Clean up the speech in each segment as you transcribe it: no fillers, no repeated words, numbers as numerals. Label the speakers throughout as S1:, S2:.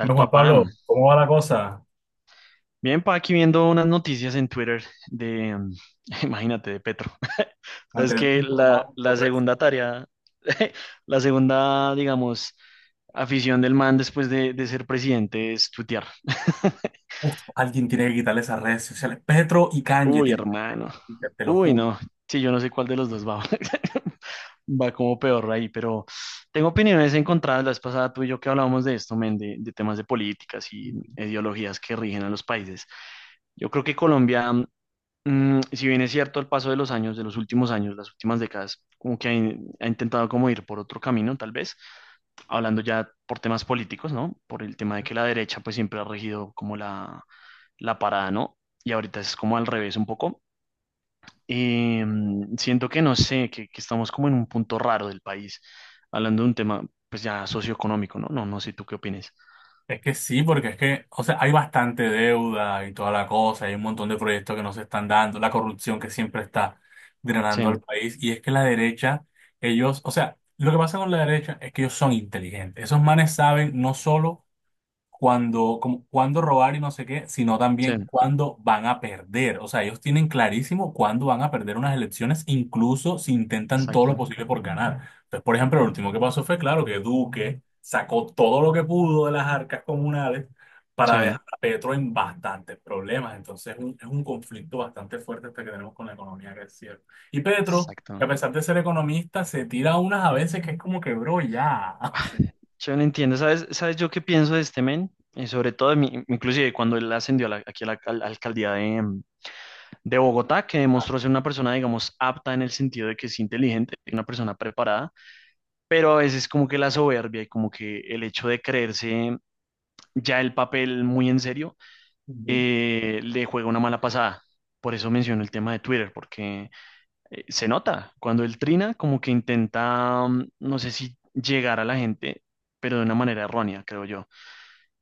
S1: Bueno, Juan
S2: papá.
S1: Pablo, ¿cómo va la cosa?
S2: Bien, pa, aquí viendo unas noticias en Twitter de, imagínate, de Petro. Es
S1: Manteniéndote
S2: que la,
S1: informado
S2: la
S1: por redes.
S2: segunda tarea, la segunda, digamos, afición del man después de ser presidente es tuitear.
S1: Uf, alguien tiene que quitarle esas redes sociales. Petro y Kanye
S2: Uy,
S1: tienen que salir de
S2: hermano.
S1: Twitter, te lo
S2: Uy,
S1: juro.
S2: no. Sí, yo no sé cuál de los dos va. Va como peor ahí, pero tengo opiniones encontradas. La vez pasada tú y yo que hablábamos de esto, men, de temas de políticas y ideologías que rigen a los países. Yo creo que Colombia, si bien es cierto, al paso de los años, de los últimos años, las últimas décadas, como que ha intentado como ir por otro camino, tal vez, hablando ya por temas políticos, ¿no? Por el tema de que la derecha pues siempre ha regido como la parada, ¿no? Y ahorita es como al revés un poco. Eh, Siento que no sé, que estamos como en un punto raro del país, hablando de un tema pues ya socioeconómico, ¿no? No, no sé, ¿tú qué opinas?
S1: Es que sí, porque es que, o sea, hay bastante deuda y toda la cosa, hay un montón de proyectos que no se están dando, la corrupción que siempre está drenando al
S2: Sí,
S1: país, y es que la derecha, ellos, o sea, lo que pasa con la derecha es que ellos son inteligentes. Esos manes saben no solo cuando, como, cuándo robar y no sé qué, sino
S2: sí,
S1: también cuándo van a perder. O sea, ellos tienen clarísimo cuándo van a perder unas elecciones, incluso si intentan todo lo
S2: exacto,
S1: posible por ganar. Entonces, por ejemplo, lo último que pasó fue, claro, que Duque sacó todo lo que pudo de las arcas comunales
S2: sí,
S1: para dejar a Petro en bastantes problemas. Entonces, es un conflicto bastante fuerte este que tenemos con la economía, que es cierto. Y Petro, que
S2: exacto.
S1: a pesar de ser economista, se tira unas a veces que es como que, bro, ya. O sea,
S2: Yo no entiendo, ¿sabes, sabes yo qué pienso de este men? Y sobre todo, inclusive cuando él ascendió a aquí a la alcaldía de, de Bogotá, que
S1: Ah,
S2: demostró ser una persona, digamos, apta en el sentido de que es inteligente, una persona preparada, pero a veces como que la soberbia y como que el hecho de creerse ya el papel muy en serio, le juega una mala pasada. Por eso menciono el tema de Twitter, porque se nota cuando él trina, como que intenta, no sé si llegar a la gente, pero de una manera errónea, creo yo.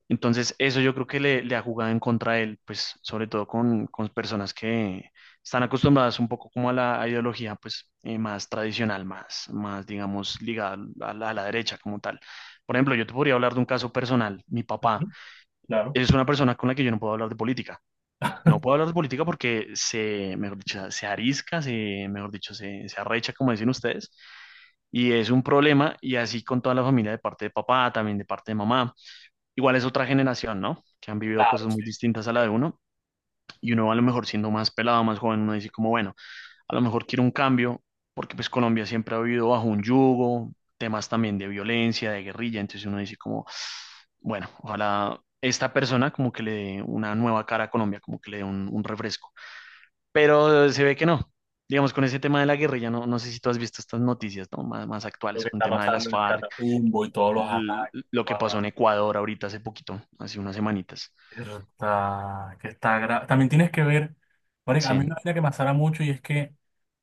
S2: Entonces, eso yo creo que le ha jugado en contra a él, pues sobre todo con personas que están acostumbradas un poco como a la ideología pues más tradicional, más digamos ligada a la derecha como tal. Por ejemplo, yo te podría hablar de un caso personal. Mi papá
S1: Ujú. Claro.
S2: es una persona con la que yo no puedo hablar de política. No puedo hablar de política porque mejor dicho, se arisca, mejor dicho, se arrecha, como dicen ustedes, y es un problema, y así con toda la familia de parte de papá, también de parte de mamá. Igual es otra generación, ¿no? Que han vivido
S1: Claro,
S2: cosas muy
S1: sí.
S2: distintas
S1: Sí.
S2: a la de uno, y uno a lo mejor siendo más pelado, más joven, uno dice como, bueno, a lo mejor quiero un cambio porque pues Colombia siempre ha vivido bajo un yugo, temas también de violencia, de guerrilla, entonces uno dice como, bueno, ojalá esta persona como que le dé una nueva cara a Colombia, como que le dé un refresco, pero se ve que no. Digamos, con ese tema de la guerrilla, no, no sé si tú has visto estas noticias, ¿no? Más
S1: Lo
S2: actuales,
S1: que
S2: con el
S1: está
S2: tema de las
S1: pasando en el
S2: FARC,
S1: Catatumbo y todos los ataques.
S2: lo que
S1: Toda
S2: pasó en
S1: la
S2: Ecuador ahorita hace poquito, hace unas semanitas.
S1: está, que está gra- también tienes que ver, marica, a mí una
S2: Sí,
S1: vaina que me asara mucho y es que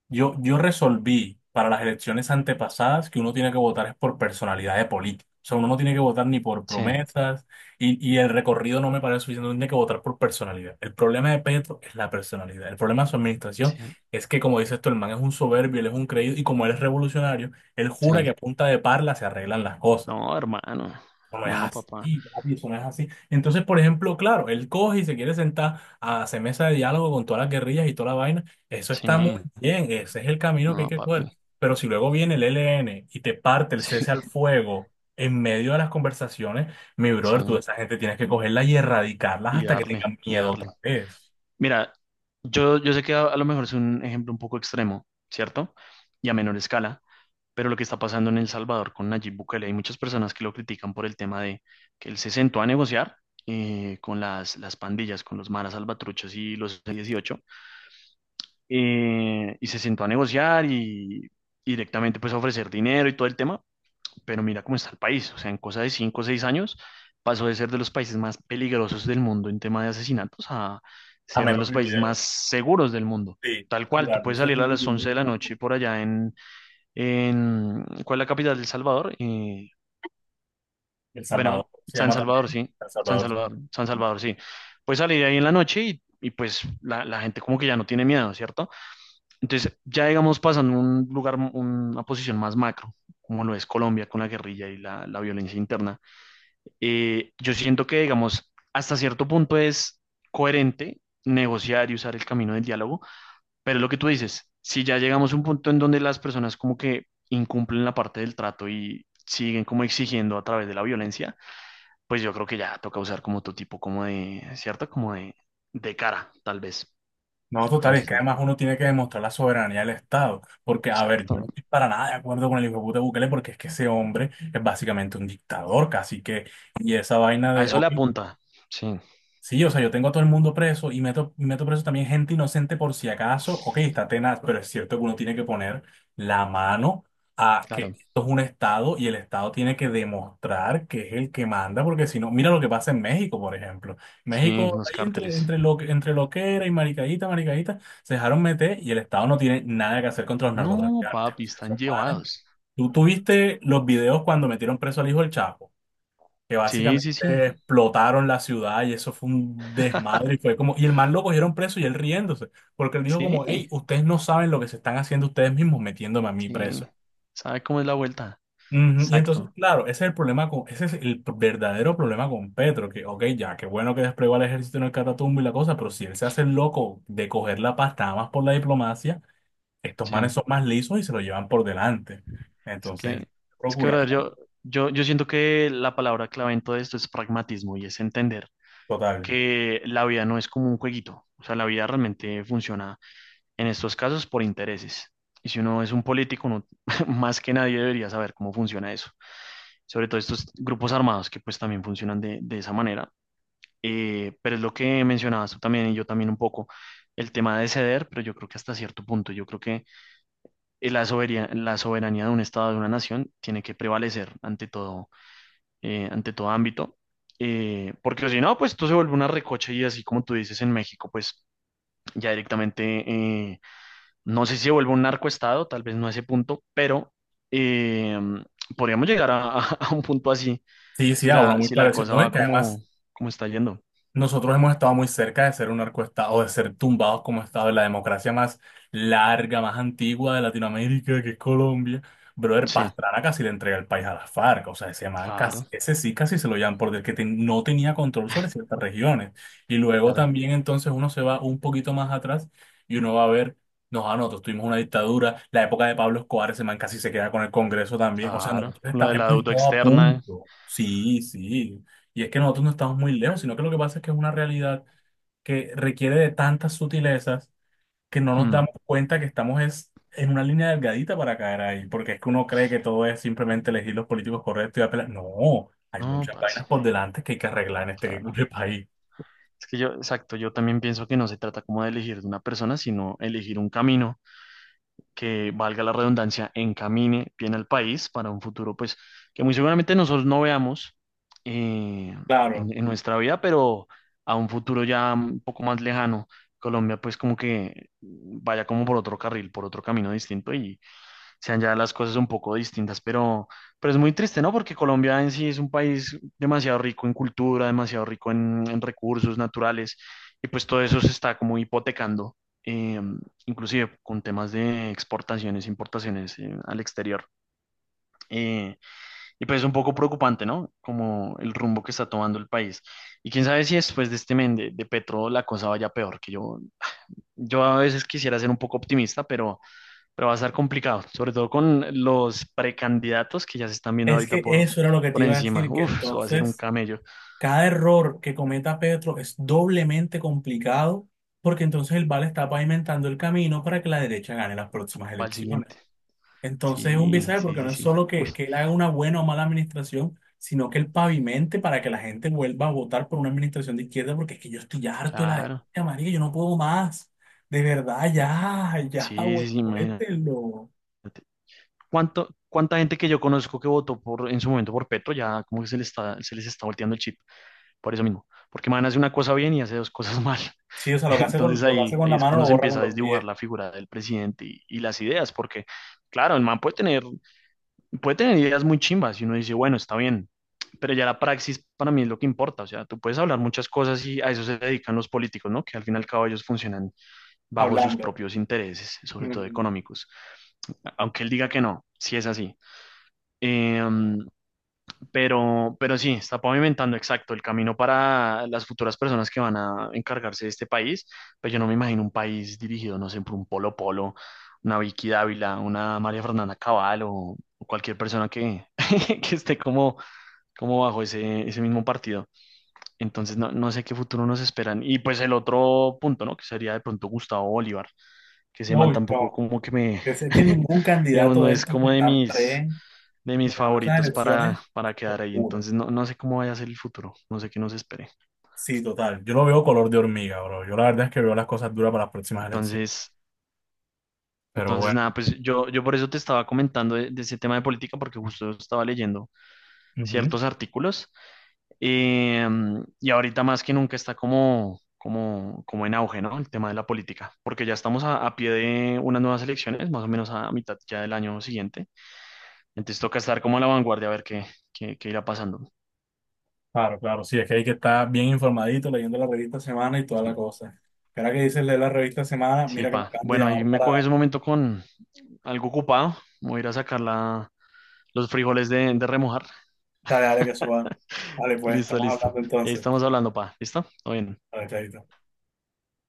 S1: yo resolví para las elecciones antepasadas que uno tiene que votar es por personalidad de político. O sea, uno no tiene que votar ni por
S2: sí,
S1: promesas y el recorrido no me parece suficiente, uno tiene que votar por personalidad. El problema de Petro es la personalidad. El problema de su administración
S2: sí,
S1: es que, como dices tú, el man es un soberbio, él es un creído y como él es revolucionario, él
S2: sí.
S1: jura que a punta de parla se arreglan las cosas.
S2: No, hermano.
S1: Eso no es
S2: No, papá.
S1: así, papi, eso no es así. Entonces, por ejemplo, claro, él coge y se quiere sentar a hacer mesa de diálogo con todas las guerrillas y toda la vaina. Eso
S2: Sí,
S1: está muy bien, ese es el camino que hay
S2: no,
S1: que
S2: papi.
S1: coger. Pero si luego viene el ELN y te parte el
S2: Sí,
S1: cese al fuego en medio de las conversaciones, mi
S2: sí.
S1: brother, tú de esa gente tienes que cogerla y erradicarlas
S2: Y
S1: hasta que
S2: darle,
S1: tengan
S2: y
S1: miedo
S2: darle.
S1: otra vez.
S2: Mira, yo sé que a lo mejor es un ejemplo un poco extremo, ¿cierto? Y a menor escala, pero lo que está pasando en El Salvador con Nayib Bukele, hay muchas personas que lo critican por el tema de que él se sentó a negociar, con las pandillas, con los maras salvatruchos y los 18, y se sentó a negociar y directamente pues a ofrecer dinero y todo el tema, pero mira cómo está el país, o sea, en cosa de cinco o seis años pasó de ser de los países más peligrosos del mundo en tema de asesinatos a
S1: A
S2: ser de
S1: menos
S2: los
S1: que...
S2: países más
S1: video.
S2: seguros del mundo.
S1: Sí,
S2: Tal cual, tú
S1: mira,
S2: puedes
S1: ese es
S2: salir
S1: un
S2: a las
S1: video,
S2: 11 de
S1: ¿no?
S2: la noche por allá en ¿cuál es la capital de El Salvador?
S1: El
S2: Bueno,
S1: Salvador se
S2: San
S1: llama
S2: Salvador,
S1: también.
S2: sí,
S1: El
S2: San
S1: Salvador.
S2: Salvador, San Salvador, sí. Puedes salir ahí en la noche y pues la gente como que ya no tiene miedo, ¿cierto? Entonces, ya digamos, pasando a un lugar, una posición más macro, como lo es Colombia con la guerrilla y la violencia interna, yo siento que, digamos, hasta cierto punto es coherente negociar y usar el camino del diálogo, pero lo que tú dices, si ya llegamos a un punto en donde las personas como que incumplen la parte del trato y siguen como exigiendo a través de la violencia, pues yo creo que ya toca usar como tu tipo como de, ¿cierto? Como de cara, tal vez.
S1: No, total, es
S2: Entonces,
S1: que
S2: no,
S1: además uno tiene que demostrar la soberanía del Estado, porque, a ver, yo no
S2: exacto.
S1: estoy para nada de acuerdo con el hijo de puta Bukele, porque es que ese hombre es básicamente un dictador, casi que, y esa vaina
S2: A
S1: de,
S2: eso le
S1: ok.
S2: apunta, sí.
S1: Sí, o sea, yo tengo a todo el mundo preso y meto preso también gente inocente por si acaso. Ok, está tenaz, pero es cierto que uno tiene que poner la mano a que
S2: Claro,
S1: esto es un Estado y el Estado tiene que demostrar que es el que manda, porque si no, mira lo que pasa en México, por ejemplo.
S2: sí,
S1: México,
S2: los
S1: ahí entre,
S2: cárteles.
S1: entre, lo, entre loquera y maricadita, maricadita, se dejaron meter y el Estado no tiene nada que hacer contra los
S2: No,
S1: narcotraficantes.
S2: papi,
S1: O sea, esos
S2: están
S1: manes.
S2: llevados.
S1: ¿Tú viste los videos cuando metieron preso al hijo del Chapo? Que
S2: Sí,
S1: básicamente
S2: sí, sí,
S1: explotaron la ciudad y eso fue un desmadre y fue como, y el man lo cogieron preso y él riéndose, porque él dijo como, hey,
S2: sí,
S1: ustedes no saben lo que se están haciendo ustedes mismos metiéndome a mí
S2: sí.
S1: preso.
S2: ¿Sabe cómo es la vuelta?
S1: Ujú. Y entonces,
S2: Exacto.
S1: claro, ese es el p- verdadero problema con Petro, que, ok, ya, qué bueno que desplegó al ejército en el Catatumbo y la cosa, pero si él se hace el loco de coger la pasta nada más por la diplomacia, estos manes
S2: Sí.
S1: son más lisos y se lo llevan por delante.
S2: Es
S1: Entonces, él
S2: que,
S1: procura,
S2: brother, yo siento que la palabra clave en todo esto es pragmatismo y es entender
S1: total.
S2: que la vida no es como un jueguito. O sea, la vida realmente funciona en estos casos por intereses. Y si uno es un político, uno más que nadie debería saber cómo funciona eso. Sobre todo estos grupos armados que pues también funcionan de esa manera. Pero es lo que mencionabas tú también y yo también un poco, el tema de ceder, pero yo creo que hasta cierto punto, yo creo que la soberanía de un Estado, de una nación, tiene que prevalecer ante todo ámbito, porque si no, pues tú se vuelve una recocha y así como tú dices en México, pues ya directamente, eh, no sé si se vuelve un narcoestado, tal vez no a ese punto, pero eh, podríamos llegar a, a un punto así,
S1: Sí, sí,
S2: si
S1: a uno muy
S2: si la
S1: parecido.
S2: cosa
S1: No, es
S2: va
S1: que además
S2: como, como está yendo.
S1: nosotros hemos estado muy cerca de ser un narcoestado, de ser tumbados como estado de la democracia más larga, más antigua de Latinoamérica, que es Colombia. Brother,
S2: Sí,
S1: Pastrana casi le entrega el país a las FARC, o sea, ese man casi,
S2: claro.
S1: ese sí casi se lo llaman porque que ten- no tenía control sobre ciertas regiones. Y luego
S2: Claro,
S1: también entonces uno se va un poquito más atrás y uno va a ver, no, ah, no, nosotros tuvimos una dictadura, la época de Pablo Escobar, ese man casi se queda con el Congreso también, o sea,
S2: claro.
S1: nosotros
S2: Lo
S1: estamos,
S2: de la
S1: hemos
S2: deuda
S1: estado a
S2: externa.
S1: punto. Sí, sí. Y es que nosotros no estamos muy lejos, sino que lo que pasa es que es una realidad que requiere de tantas sutilezas que no nos
S2: hmm,
S1: damos cuenta que estamos es en una línea delgadita para caer ahí, porque es que uno cree que todo es simplemente elegir los políticos correctos y apelar. No, hay
S2: No,
S1: muchas
S2: parce.
S1: vainas por delante que hay que arreglar en este
S2: Claro.
S1: que país.
S2: Es que yo, exacto, yo también pienso que no se trata como de elegir de una persona, sino elegir un camino que, valga la redundancia, encamine bien al país para un futuro, pues, que muy seguramente nosotros no veamos, eh,
S1: Claro,
S2: en nuestra vida, pero a un futuro ya un poco más lejano, Colombia, pues, como que vaya como por otro carril, por otro camino distinto y sean ya las cosas un poco distintas, pero es muy triste, ¿no? Porque Colombia en sí es un país demasiado rico en cultura, demasiado rico en recursos naturales, y pues todo eso se está como hipotecando, eh, inclusive con temas de exportaciones, importaciones, al exterior. Eh, y pues es un poco preocupante, ¿no? Como el rumbo que está tomando el país. Y quién sabe si después de este men de Petro la cosa vaya peor, que yo a veces quisiera ser un poco optimista, pero va a estar complicado, sobre todo con los precandidatos que ya se están viendo
S1: es
S2: ahorita
S1: que eso era lo que te
S2: por
S1: iba a
S2: encima.
S1: decir, que
S2: Uf, eso va a ser un
S1: entonces
S2: camello
S1: cada error que cometa Petro es doblemente complicado porque entonces el VAR está pavimentando el camino para que la derecha gane las próximas
S2: para el
S1: elecciones.
S2: siguiente.
S1: Entonces es un
S2: Sí,
S1: visaje
S2: sí,
S1: porque
S2: sí,
S1: no es
S2: sí.
S1: solo
S2: Uy,
S1: que él haga una buena o mala administración, sino que él pavimente para que la gente vuelva a votar por una administración de izquierda, porque es que yo estoy harto de la
S2: claro.
S1: derecha, marica, yo no puedo más. De verdad, ya, ya,
S2: Sí,
S1: güey,
S2: sí, sí, imagínate.
S1: cuéntenlo.
S2: Cuánta gente que yo conozco que votó por, en su momento por Petro ya como que se les está volteando el chip? Por eso mismo. Porque man hace una cosa bien y hace dos cosas mal.
S1: Sí, o sea, lo que hace con,
S2: Entonces
S1: lo que hace con
S2: ahí
S1: la
S2: es
S1: mano
S2: cuando
S1: lo
S2: se
S1: borra con
S2: empieza a
S1: los
S2: desdibujar
S1: pies,
S2: la figura del presidente y las ideas, porque claro, el man puede tener ideas muy chimbas y uno dice, bueno, está bien, pero ya la praxis para mí es lo que importa, o sea, tú puedes hablar muchas cosas y a eso se dedican los políticos, ¿no? Que al fin y al cabo ellos funcionan bajo sus
S1: hablando.
S2: propios intereses, sobre todo
S1: Ujú.
S2: económicos, aunque él diga que no, si es así. Eh, pero sí, está pavimentando exacto el camino para las futuras personas que van a encargarse de este país. Pero yo no me imagino un país dirigido, no sé, por un Polo Polo, una Vicky Dávila, una María Fernanda Cabal o cualquier persona que, que esté como, como bajo ese, ese mismo partido. Entonces, no, no sé qué futuro nos esperan. Y pues el otro punto, ¿no? Que sería de pronto Gustavo Bolívar, que ese
S1: No,
S2: man
S1: uy,
S2: tampoco
S1: no.
S2: como que me,
S1: Es que ningún
S2: digamos,
S1: candidato
S2: no
S1: de
S2: es
S1: estos que
S2: como
S1: están pre
S2: de mis
S1: bueno, esas
S2: favoritos
S1: elecciones
S2: para quedar ahí.
S1: oscuras.
S2: Entonces, no, no sé cómo vaya a ser el futuro, no sé qué nos espere.
S1: Sí, total. Yo lo veo color de hormiga, bro. Yo la verdad es que veo las cosas duras para las próximas elecciones.
S2: Entonces,
S1: Pero
S2: entonces
S1: bueno,
S2: nada, pues yo por eso te estaba comentando de ese tema de política, porque justo estaba leyendo
S1: ujú.
S2: ciertos artículos, eh, y ahorita más que nunca está como... Como, como en auge, ¿no? El tema de la política, porque ya estamos a pie de unas nuevas elecciones, más o menos a mitad ya del año siguiente. Entonces toca estar como a la vanguardia a ver qué, qué, qué irá pasando.
S1: Claro, claro, sí, es que hay que estar bien informadito leyendo la revista Semana y toda la
S2: Sí,
S1: cosa. Ahora que dices leer la revista Semana,
S2: sí,
S1: mira que me
S2: pa.
S1: acaban de
S2: Bueno,
S1: llamar
S2: ahí me
S1: para
S2: coges un momento con algo ocupado. Voy a ir a sacar los frijoles de remojar.
S1: saber de que eso va. Vale, pues,
S2: Listo,
S1: estamos hablando
S2: listo. Ahí
S1: entonces.
S2: estamos hablando, pa. ¿Listo? Todo bien.
S1: Vale, chaito.